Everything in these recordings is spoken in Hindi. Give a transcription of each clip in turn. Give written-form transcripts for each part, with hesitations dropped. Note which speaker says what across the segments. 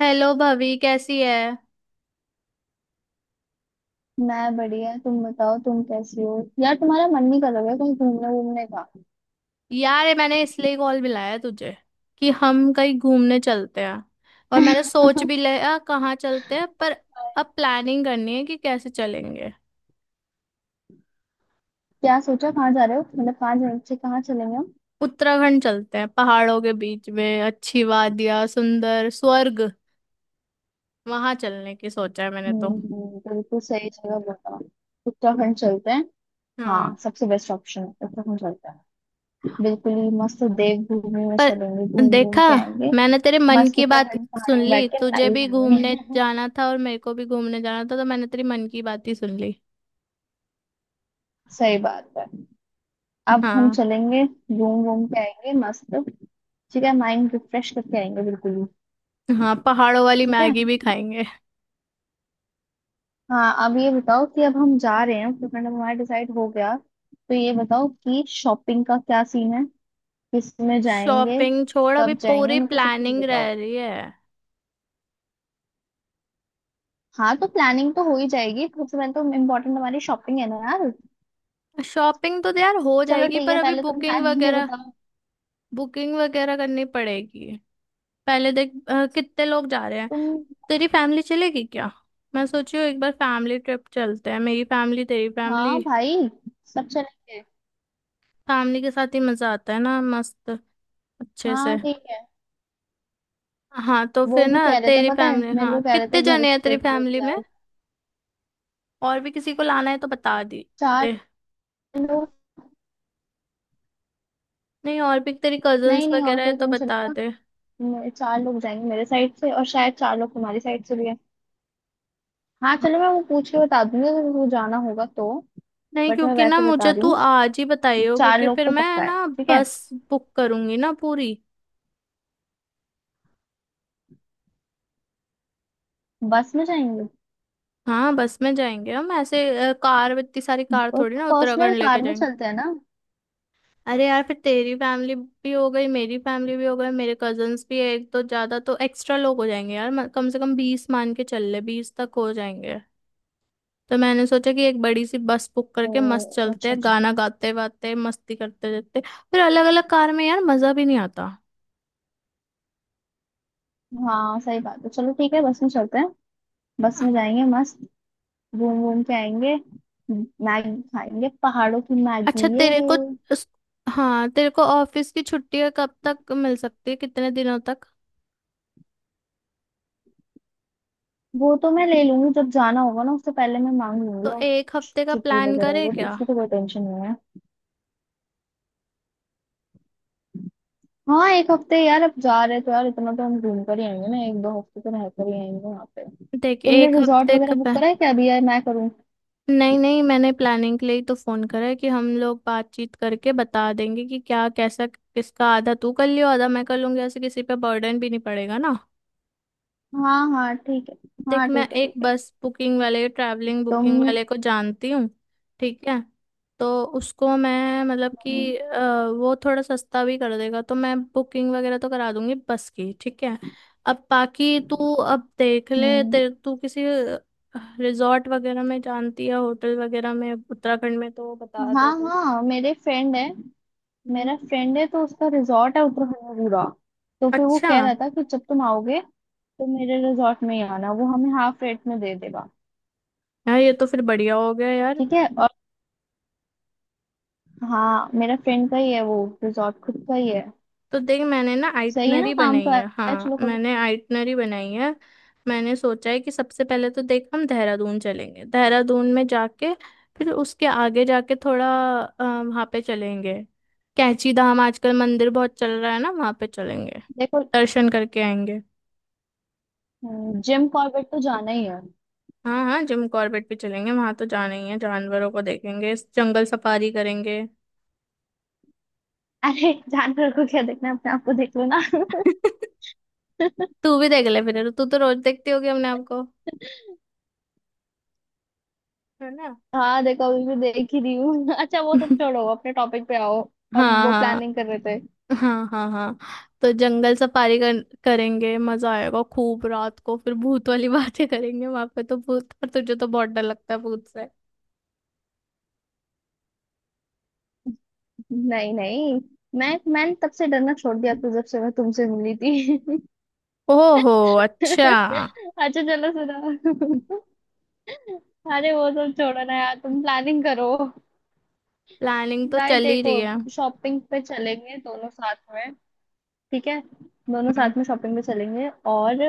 Speaker 1: हेलो भाभी कैसी है।
Speaker 2: मैं बढ़िया। तुम बताओ, तुम कैसी हो? यार तुम्हारा मन नहीं कर रहा है कहीं घूमने घूमने का?
Speaker 1: यार ये मैंने इसलिए कॉल मिलाया तुझे कि हम कहीं घूमने चलते हैं। और मैंने सोच भी लिया कहाँ चलते हैं, पर अब प्लानिंग करनी है कि कैसे चलेंगे।
Speaker 2: क्या सोचा, कहाँ जा रहे हो? मतलब कहाँ जाने से कहाँ चलेंगे हम?
Speaker 1: उत्तराखंड चलते हैं, पहाड़ों के बीच में, अच्छी वादियाँ, सुंदर स्वर्ग। वहां चलने की सोचा है मैंने तो।
Speaker 2: बिल्कुल सही जगह बताओ। उत्तराखंड चलते हैं।
Speaker 1: हाँ।
Speaker 2: हाँ, सबसे बेस्ट ऑप्शन है, उत्तराखंड चलते हैं। बिल्कुल ही मस्त। देवभूमि में
Speaker 1: पर
Speaker 2: चलेंगे, घूम घूम
Speaker 1: देखा,
Speaker 2: के आएंगे।
Speaker 1: मैंने तेरे मन
Speaker 2: मस्त,
Speaker 1: की बात
Speaker 2: उत्तराखंड पहाड़
Speaker 1: सुन
Speaker 2: में
Speaker 1: ली,
Speaker 2: बैठ के
Speaker 1: तुझे
Speaker 2: नाई
Speaker 1: भी घूमने
Speaker 2: खाएंगे।
Speaker 1: जाना था और मेरे को भी घूमने जाना था, तो मैंने तेरी मन की बात ही सुन ली।
Speaker 2: सही बात है। अब हम
Speaker 1: हाँ।
Speaker 2: चलेंगे, घूम घूम के आएंगे मस्त। ठीक है, माइंड रिफ्रेश करके आएंगे बिल्कुल ही।
Speaker 1: हाँ, पहाड़ों वाली
Speaker 2: ठीक है।
Speaker 1: मैगी भी खाएंगे।
Speaker 2: हाँ, अब ये बताओ कि अब हम जा रहे हैं उत्तराखंड, अब हमारा डिसाइड हो गया, तो ये बताओ कि शॉपिंग का क्या सीन है? किस में जाएंगे?
Speaker 1: शॉपिंग छोड़, अभी
Speaker 2: कब जाएंगे?
Speaker 1: पूरी
Speaker 2: मेरे को सब कुछ
Speaker 1: प्लानिंग
Speaker 2: बताओ।
Speaker 1: रह रही है।
Speaker 2: हाँ, तो प्लानिंग तो हो ही जाएगी, सबसे पहले तो इम्पोर्टेंट हमारी शॉपिंग है ना यार।
Speaker 1: शॉपिंग तो यार हो
Speaker 2: चलो
Speaker 1: जाएगी,
Speaker 2: ठीक
Speaker 1: पर
Speaker 2: है,
Speaker 1: अभी
Speaker 2: पहले तुम
Speaker 1: बुकिंग
Speaker 2: प्लानिंग ये
Speaker 1: वगैरह।
Speaker 2: बताओ।
Speaker 1: बुकिंग वगैरह करनी पड़ेगी। पहले देख कितने लोग जा रहे हैं।
Speaker 2: तुम।
Speaker 1: तेरी फैमिली चलेगी क्या? मैं सोची हूँ एक बार फैमिली ट्रिप चलते हैं, मेरी फैमिली तेरी फैमिली।
Speaker 2: हाँ भाई, सब चलेंगे।
Speaker 1: फैमिली के साथ ही मजा आता है ना, मस्त, अच्छे से।
Speaker 2: हाँ ठीक है।
Speaker 1: हाँ तो फिर
Speaker 2: वो भी
Speaker 1: ना
Speaker 2: कह रहे थे,
Speaker 1: तेरी
Speaker 2: पता है
Speaker 1: फैमिली,
Speaker 2: मेरे को
Speaker 1: हाँ
Speaker 2: कह रहे थे
Speaker 1: कितने
Speaker 2: घर
Speaker 1: जने हैं तेरी
Speaker 2: पे कि
Speaker 1: फैमिली में?
Speaker 2: यार।
Speaker 1: और भी किसी को लाना है तो बता दी।
Speaker 2: चार लोग।
Speaker 1: नहीं, और भी तेरी
Speaker 2: नहीं
Speaker 1: कजन्स
Speaker 2: नहीं, और
Speaker 1: वगैरह है
Speaker 2: कोई तो
Speaker 1: तो
Speaker 2: नहीं
Speaker 1: बता
Speaker 2: चलेगा।
Speaker 1: दे।
Speaker 2: चार लोग जाएंगे मेरे साइड से, और शायद चार लोग तुम्हारी साइड से भी। हाँ चलो, मैं वो पूछ के बता दूंगी अगर वो जाना होगा तो।
Speaker 1: नहीं,
Speaker 2: बट मैं
Speaker 1: क्योंकि ना
Speaker 2: वैसे बता
Speaker 1: मुझे
Speaker 2: रही
Speaker 1: तू
Speaker 2: हूँ,
Speaker 1: आज ही बताइयो,
Speaker 2: चार
Speaker 1: क्योंकि
Speaker 2: लोग
Speaker 1: फिर
Speaker 2: तो
Speaker 1: मैं
Speaker 2: पक्का है।
Speaker 1: ना
Speaker 2: ठीक है।
Speaker 1: बस बुक करूंगी ना पूरी।
Speaker 2: बस में जाएंगे।
Speaker 1: हाँ बस में जाएंगे हम, ऐसे कार, इतनी सारी कार थोड़ी ना
Speaker 2: पर्सनल
Speaker 1: उत्तराखंड लेके
Speaker 2: कार में
Speaker 1: जाएंगे।
Speaker 2: चलते हैं ना।
Speaker 1: अरे यार, फिर तेरी फैमिली भी हो गई, मेरी फैमिली भी हो गई, मेरे कजन्स भी है, एक तो ज्यादा, तो एक्स्ट्रा लोग हो जाएंगे यार। कम से कम 20 मान के चल ले, 20 तक हो जाएंगे। तो मैंने सोचा कि एक बड़ी सी बस बुक
Speaker 2: ओ,
Speaker 1: करके मस्त चलते
Speaker 2: अच्छा
Speaker 1: हैं,
Speaker 2: अच्छा।
Speaker 1: गाना गाते वाते मस्ती करते रहते। फिर अलग अलग कार में यार मजा भी नहीं आता।
Speaker 2: हाँ सही बात है, चलो ठीक है, बस में चलते हैं। बस में जाएंगे मस्त, घूम घूम के आएंगे। मैगी खाएंगे पहाड़ों की मैगी
Speaker 1: अच्छा
Speaker 2: ये।
Speaker 1: तेरे को, उस- हाँ तेरे को ऑफिस की छुट्टियां कब तक मिल सकती है, कितने दिनों तक?
Speaker 2: वो तो मैं ले लूंगी, जब जाना होगा ना उससे पहले मैं मांग लूंगी।
Speaker 1: तो
Speaker 2: और
Speaker 1: एक हफ्ते का
Speaker 2: छुट्टी
Speaker 1: प्लान
Speaker 2: वगैरह,
Speaker 1: करे
Speaker 2: वो तो
Speaker 1: क्या?
Speaker 2: उसकी तो कोई टेंशन नहीं है। हाँ, एक हफ्ते यार, अब जा रहे तो यार इतना तो हम घूम कर ही आएंगे ना, एक दो हफ्ते तो रह कर ही आएंगे वहां पे।
Speaker 1: देख
Speaker 2: तुमने
Speaker 1: एक
Speaker 2: रिजॉर्ट
Speaker 1: हफ्ते
Speaker 2: वगैरह
Speaker 1: का
Speaker 2: बुक
Speaker 1: प्लान।
Speaker 2: करा है क्या अभी? यार मैं करूँ?
Speaker 1: नहीं नहीं, मैंने प्लानिंग के लिए ही तो फोन करा है कि हम लोग बातचीत करके बता देंगे कि क्या कैसा किसका, आधा तू कर लियो आधा मैं कर लूंगी, ऐसे किसी पे बर्डन भी नहीं पड़ेगा ना।
Speaker 2: हाँ हाँ ठीक है।
Speaker 1: देख,
Speaker 2: हाँ
Speaker 1: मैं
Speaker 2: ठीक है
Speaker 1: एक
Speaker 2: ठीक है।
Speaker 1: बस बुकिंग वाले, ट्रैवलिंग बुकिंग
Speaker 2: तुम।
Speaker 1: वाले को जानती हूँ। ठीक है। तो उसको मैं मतलब कि वो थोड़ा सस्ता भी कर देगा, तो मैं बुकिंग वगैरह तो करा दूंगी बस की, ठीक है। अब बाकी तू, अब देख ले
Speaker 2: हम्म।
Speaker 1: तेरे, तू किसी रिजॉर्ट वगैरह में जानती है, होटल वगैरह में उत्तराखंड में, तो बता दे
Speaker 2: हाँ
Speaker 1: दे।
Speaker 2: हाँ, मेरे फ्रेंड है।
Speaker 1: हम्म,
Speaker 2: मेरा फ्रेंड है, तो उसका रिजॉर्ट है उत्तराखंड में पूरा। तो फिर वो
Speaker 1: अच्छा।
Speaker 2: कह रहा था कि जब तुम आओगे तो मेरे रिजॉर्ट में ही आना, वो हमें हाफ रेट में दे देगा।
Speaker 1: यार ये तो फिर बढ़िया हो गया यार।
Speaker 2: ठीक है। और हाँ, मेरा फ्रेंड का ही है वो, रिजॉर्ट खुद का ही है।
Speaker 1: तो देख, मैंने ना
Speaker 2: सही है ना,
Speaker 1: आइटनरी
Speaker 2: काम
Speaker 1: बनाई
Speaker 2: तो
Speaker 1: है,
Speaker 2: आया,
Speaker 1: हाँ
Speaker 2: चलो कभी।
Speaker 1: मैंने आइटनरी बनाई है। मैंने सोचा है कि सबसे पहले तो देख हम देहरादून चलेंगे, देहरादून में जाके फिर उसके आगे जाके थोड़ा वहाँ पे चलेंगे। कैंची धाम आजकल मंदिर बहुत चल रहा है ना, वहाँ पे चलेंगे,
Speaker 2: देखो।
Speaker 1: दर्शन करके आएंगे।
Speaker 2: जिम कॉर्बेट तो जाना ही है।
Speaker 1: हाँ हाँ, जिम कॉर्बेट भी चलेंगे, वहां तो जाना ही है, जानवरों को देखेंगे, जंगल सफारी करेंगे।
Speaker 2: अरे जानवर को क्या देखना है, अपने आप को देख लो ना।
Speaker 1: तू भी देख ले, फिर तू तो रोज देखती होगी अपने आपको, है ना?
Speaker 2: हाँ देखो, अभी भी देख ही रही हूँ। अच्छा, वो सब छोड़ो, अपने टॉपिक पे आओ। हम वो
Speaker 1: हाँ
Speaker 2: प्लानिंग कर रहे थे।
Speaker 1: हाँ हाँ। हाँ तो जंगल सफारी करेंगे, मजा आएगा खूब। रात को फिर भूत वाली बातें करेंगे वहां पे, तो भूत, पर तुझे तो बहुत डर लगता है भूत से।
Speaker 2: नहीं नहीं, मैंने तब से डरना छोड़ दिया तो, जब से मैं तुमसे मिली थी।
Speaker 1: ओहो, अच्छा।
Speaker 2: अच्छा चलो सुनो। अरे वो सब छोड़ो ना यार, तुम प्लानिंग करो।
Speaker 1: प्लानिंग तो
Speaker 2: भाई
Speaker 1: चल ही
Speaker 2: देखो,
Speaker 1: रही है।
Speaker 2: शॉपिंग पे चलेंगे दोनों साथ में। ठीक है, दोनों
Speaker 1: हम्म।
Speaker 2: साथ में शॉपिंग पे चलेंगे। और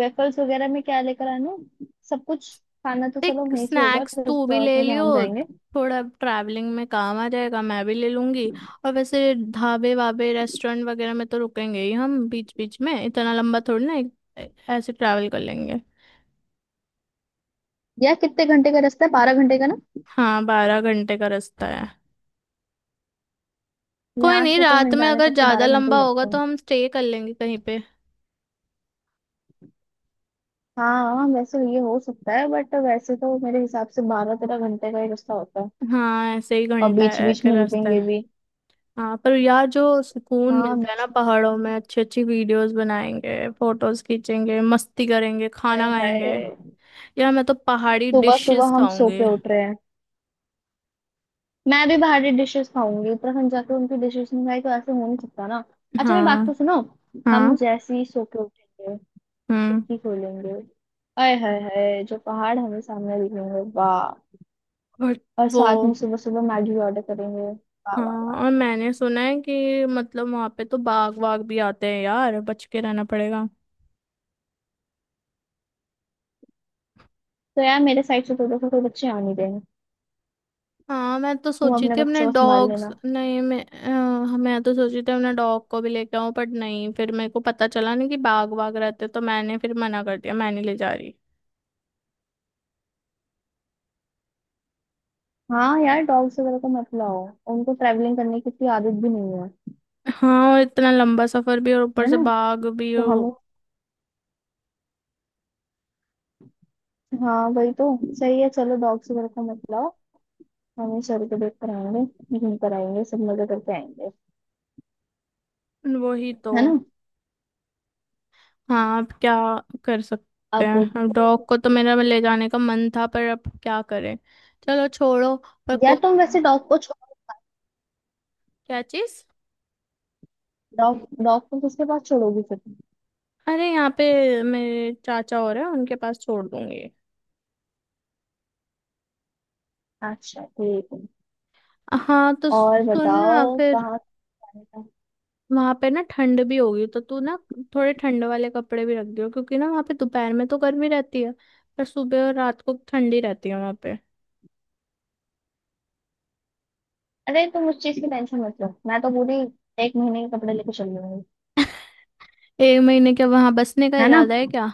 Speaker 2: वेफल्स वगैरह में क्या लेकर आना है? सब कुछ। खाना तो चलो
Speaker 1: देख
Speaker 2: वहीं से होगा
Speaker 1: स्नैक्स तू भी
Speaker 2: रिजॉर्ट
Speaker 1: ले
Speaker 2: में जहाँ
Speaker 1: लियो,
Speaker 2: हम जाएंगे।
Speaker 1: थोड़ा ट्रैवलिंग में काम आ जाएगा, मैं भी ले लूंगी। और वैसे ढाबे वाबे रेस्टोरेंट वगैरह में तो रुकेंगे ही हम बीच बीच में, इतना लंबा थोड़ी ना ऐसे ट्रैवल कर लेंगे।
Speaker 2: यार कितने घंटे का रास्ता है? बारह घंटे का ना।
Speaker 1: हाँ, 12 घंटे का रास्ता है। कोई
Speaker 2: यहाँ
Speaker 1: नहीं,
Speaker 2: से तो
Speaker 1: रात
Speaker 2: हम
Speaker 1: में
Speaker 2: जाने
Speaker 1: अगर
Speaker 2: तक तो
Speaker 1: ज्यादा
Speaker 2: बारह घंटे ही
Speaker 1: लंबा होगा
Speaker 2: लगते
Speaker 1: तो
Speaker 2: हैं।
Speaker 1: हम स्टे कर लेंगे कहीं पे।
Speaker 2: हाँ वैसे ये हो सकता है, बट वैसे तो मेरे हिसाब से बारह तेरह घंटे का ही रास्ता होता है।
Speaker 1: हाँ ऐसे ही
Speaker 2: और
Speaker 1: घंटा
Speaker 2: बीच
Speaker 1: है
Speaker 2: बीच
Speaker 1: के
Speaker 2: में
Speaker 1: रास्ता
Speaker 2: रुकेंगे
Speaker 1: है।
Speaker 2: भी।
Speaker 1: हाँ, पर यार जो सुकून
Speaker 2: हाँ
Speaker 1: मिलता है ना
Speaker 2: बीच
Speaker 1: पहाड़ों में,
Speaker 2: में।
Speaker 1: अच्छी अच्छी वीडियोस बनाएंगे, फोटोज खींचेंगे, मस्ती करेंगे,
Speaker 2: हाय
Speaker 1: खाना
Speaker 2: हाय।
Speaker 1: खाएंगे। यार मैं तो पहाड़ी
Speaker 2: सुबह सुबह
Speaker 1: डिशेस
Speaker 2: हम सो
Speaker 1: खाऊंगी।
Speaker 2: के उठ रहे हैं। मैं भी बाहरी डिशेस खाऊंगी, उत्तराखंड जाकर उनकी डिशेस नहीं खाई तो ऐसे हो नहीं सकता ना। अच्छा मेरी बात
Speaker 1: हाँ।
Speaker 2: तो सुनो। हम
Speaker 1: हाँ।
Speaker 2: जैसे ही सो के उठेंगे,
Speaker 1: हम्म।
Speaker 2: खिड़की खोलेंगे, आय हाय हाय, जो पहाड़ हमें सामने दिखेंगे, वाह।
Speaker 1: और
Speaker 2: और
Speaker 1: वो।
Speaker 2: साथ में सुबह सुबह मैगी ऑर्डर करेंगे, वाह वाह वाह।
Speaker 1: हाँ। और मैंने सुना है कि मतलब वहां पे तो बाघ वाघ भी आते हैं यार, बच के रहना पड़ेगा।
Speaker 2: तो यार मेरे साइड से तो देखो, कोई बच्चे आ नहीं रहे।
Speaker 1: हाँ मैं तो
Speaker 2: तुम
Speaker 1: सोची
Speaker 2: अपने
Speaker 1: थी अपने
Speaker 2: बच्चों को संभाल
Speaker 1: डॉग्स,
Speaker 2: लेना।
Speaker 1: नहीं मैं हाँ, मैं तो सोची थी अपने डॉग को भी लेके आऊँ, बट नहीं, फिर मेरे को पता चला ना कि बाघ बाघ रहते, तो मैंने फिर मना कर दिया, मैं नहीं ले जा रही।
Speaker 2: हाँ यार, डॉग्स वगैरह को मत लाओ। उनको ट्रैवलिंग करने की इतनी आदत भी नहीं है।
Speaker 1: हाँ और इतना लंबा सफर भी, और ऊपर
Speaker 2: है
Speaker 1: से
Speaker 2: ना।
Speaker 1: बाघ भी
Speaker 2: तो हम। हाँ वही तो। सही है, चलो डॉग्स वगैरह को मत लाओ। मम्मी सर को देख कर आएंगे, घूम कर आएंगे, सब मजे करके आएंगे।
Speaker 1: वही तो।
Speaker 2: है ना।
Speaker 1: हाँ अब क्या कर सकते
Speaker 2: अब।
Speaker 1: हैं, अब डॉग को तो मेरा ले जाने का मन था, पर अब क्या करें। चलो छोड़ो। पर
Speaker 2: या
Speaker 1: कोई,
Speaker 2: तुम वैसे डॉग को छोड़।
Speaker 1: क्या चीज?
Speaker 2: डॉग डॉग को किसके पास छोड़ोगी फिर तुम?
Speaker 1: अरे यहाँ पे मेरे चाचा हो रहे हैं, उनके पास छोड़ दूंगी।
Speaker 2: अच्छा ठीक है।
Speaker 1: हाँ तो
Speaker 2: और
Speaker 1: सुनना
Speaker 2: बताओ,
Speaker 1: फिर,
Speaker 2: कहाँ जाने का?
Speaker 1: वहां पे ना ठंड भी होगी, तो तू ना थोड़े ठंड वाले कपड़े भी रख दियो, क्योंकि ना वहां पे दोपहर में तो गर्मी रहती है, पर सुबह और रात को ठंडी रहती है वहां पे।
Speaker 2: अरे तुम उस चीज की टेंशन मत लो, मैं तो पूरी एक महीने के कपड़े लेके चल लूंगी।
Speaker 1: एक महीने के वहां बसने का
Speaker 2: है ना।
Speaker 1: इरादा है क्या?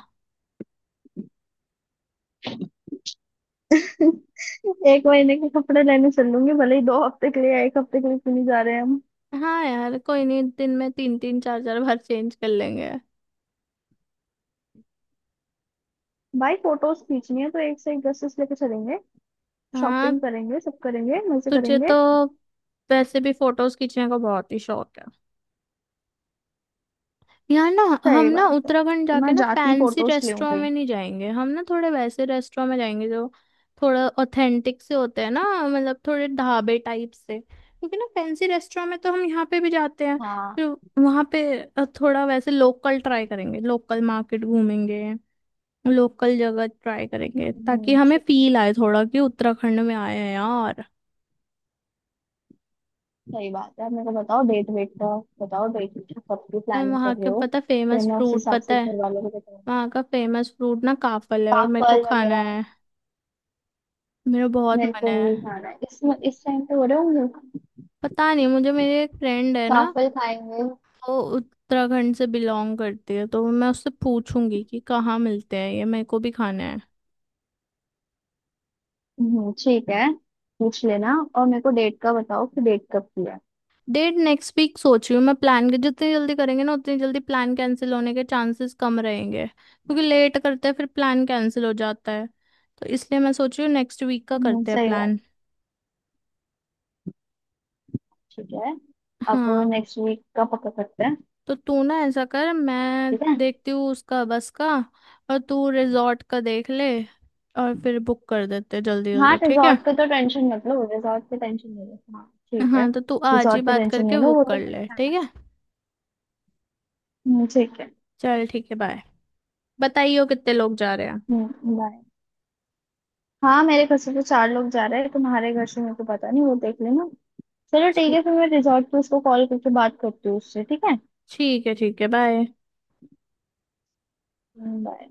Speaker 2: एक महीने के कपड़े लेने चल लूंगी, भले ही दो हफ्ते के लिए या एक हफ्ते के लिए क्यों नहीं जा रहे हैं हम।
Speaker 1: हाँ यार कोई नहीं, दिन में तीन तीन चार चार बार चेंज कर लेंगे।
Speaker 2: भाई फोटोज खींचनी है, तो एक से एक ड्रेसेस लेके चलेंगे।
Speaker 1: हाँ।
Speaker 2: शॉपिंग करेंगे, सब करेंगे, मजे
Speaker 1: तुझे
Speaker 2: करेंगे।
Speaker 1: तो वैसे भी फोटोज खींचने का बहुत ही शौक यार ना। हम
Speaker 2: सही
Speaker 1: ना
Speaker 2: बात है,
Speaker 1: उत्तराखंड
Speaker 2: तो
Speaker 1: जाके
Speaker 2: मैं
Speaker 1: ना
Speaker 2: जाती
Speaker 1: फैंसी
Speaker 2: फोटोज ले लूं
Speaker 1: रेस्टोरेंट
Speaker 2: कहीं।
Speaker 1: में नहीं जाएंगे, हम ना थोड़े वैसे रेस्टोरेंट में जाएंगे जो थोड़ा ऑथेंटिक से होते हैं ना, मतलब थोड़े ढाबे टाइप से, क्योंकि ना फैंसी रेस्टोरेंट में तो हम यहाँ पे भी जाते हैं।
Speaker 2: हाँ।
Speaker 1: फिर वहाँ पे थोड़ा वैसे लोकल ट्राई करेंगे, लोकल मार्केट घूमेंगे, लोकल जगह ट्राई करेंगे, ताकि
Speaker 2: हम्म,
Speaker 1: हमें फील आए थोड़ा कि उत्तराखंड में आए हैं यार।
Speaker 2: सही बात है। मेरे को बताओ डेट वेट का, बताओ डेट। कब की
Speaker 1: और
Speaker 2: प्लानिंग
Speaker 1: वहाँ
Speaker 2: कर रहे
Speaker 1: का
Speaker 2: हो?
Speaker 1: पता
Speaker 2: फिर
Speaker 1: फेमस
Speaker 2: मैं उस
Speaker 1: फ्रूट
Speaker 2: हिसाब
Speaker 1: पता
Speaker 2: से
Speaker 1: है?
Speaker 2: घर वालों को बताऊँ।
Speaker 1: वहाँ का फेमस फ्रूट ना काफल है, और मेरे
Speaker 2: पापड़
Speaker 1: को खाना
Speaker 2: वगैरह।
Speaker 1: है, मेरा बहुत
Speaker 2: मेरे
Speaker 1: मन
Speaker 2: को
Speaker 1: है।
Speaker 2: भी खाना है। इस टाइम पे हो रहे होंगे।
Speaker 1: पता नहीं मुझे, मेरी एक फ्रेंड है ना,
Speaker 2: पापड़ खाएंगे।
Speaker 1: वो उत्तराखंड से बिलोंग करती है, तो मैं उससे पूछूंगी कि कहाँ मिलते हैं, ये मेरे को भी खाना है।
Speaker 2: ठीक है। पूछ लेना। और मेरे को डेट का बताओ, कि डेट कब की है।
Speaker 1: डेट नेक्स्ट वीक सोच रही हूँ मैं। प्लान के जितनी जल्दी करेंगे ना, उतनी जल्दी प्लान कैंसिल होने के चांसेस कम रहेंगे, क्योंकि लेट करते हैं फिर प्लान कैंसिल हो जाता है। तो इसलिए मैं सोच रही हूँ नेक्स्ट वीक का करते हैं
Speaker 2: सही बात
Speaker 1: प्लान।
Speaker 2: है, ठीक है। अब।
Speaker 1: हाँ
Speaker 2: नेक्स्ट वीक का पक्का करते हैं।
Speaker 1: तो तू ना ऐसा कर, मैं
Speaker 2: ठीक है।
Speaker 1: देखती हूँ उसका बस का, और तू रिजॉर्ट का देख ले, और फिर बुक कर देते जल्दी
Speaker 2: हाँ,
Speaker 1: जल्दी, ठीक है।
Speaker 2: रिजॉर्ट का तो टेंशन मत लो, रिजॉर्ट की टेंशन नहीं लो हाँ। ठीक है।
Speaker 1: हाँ तो तू आज ही
Speaker 2: रिजॉर्ट की
Speaker 1: बात
Speaker 2: टेंशन
Speaker 1: करके
Speaker 2: नहीं लो, वो
Speaker 1: बुक
Speaker 2: तो
Speaker 1: कर
Speaker 2: मेरे-।
Speaker 1: ले, ठीक है।
Speaker 2: ठीक है।
Speaker 1: चल ठीक है बाय। बताइयो कितने लोग जा रहे हैं।
Speaker 2: हम्म, बाय। हाँ मेरे घर से तो चार लोग जा रहे हैं, तुम्हारे घर से मेरे को पता नहीं, वो देख लेना। चलो ठीक है,
Speaker 1: ठी-
Speaker 2: फिर मैं रिजॉर्ट पे उसको कॉल करके बात करती हूँ उससे, ठीक है।
Speaker 1: ठीक है बाय।
Speaker 2: बाय।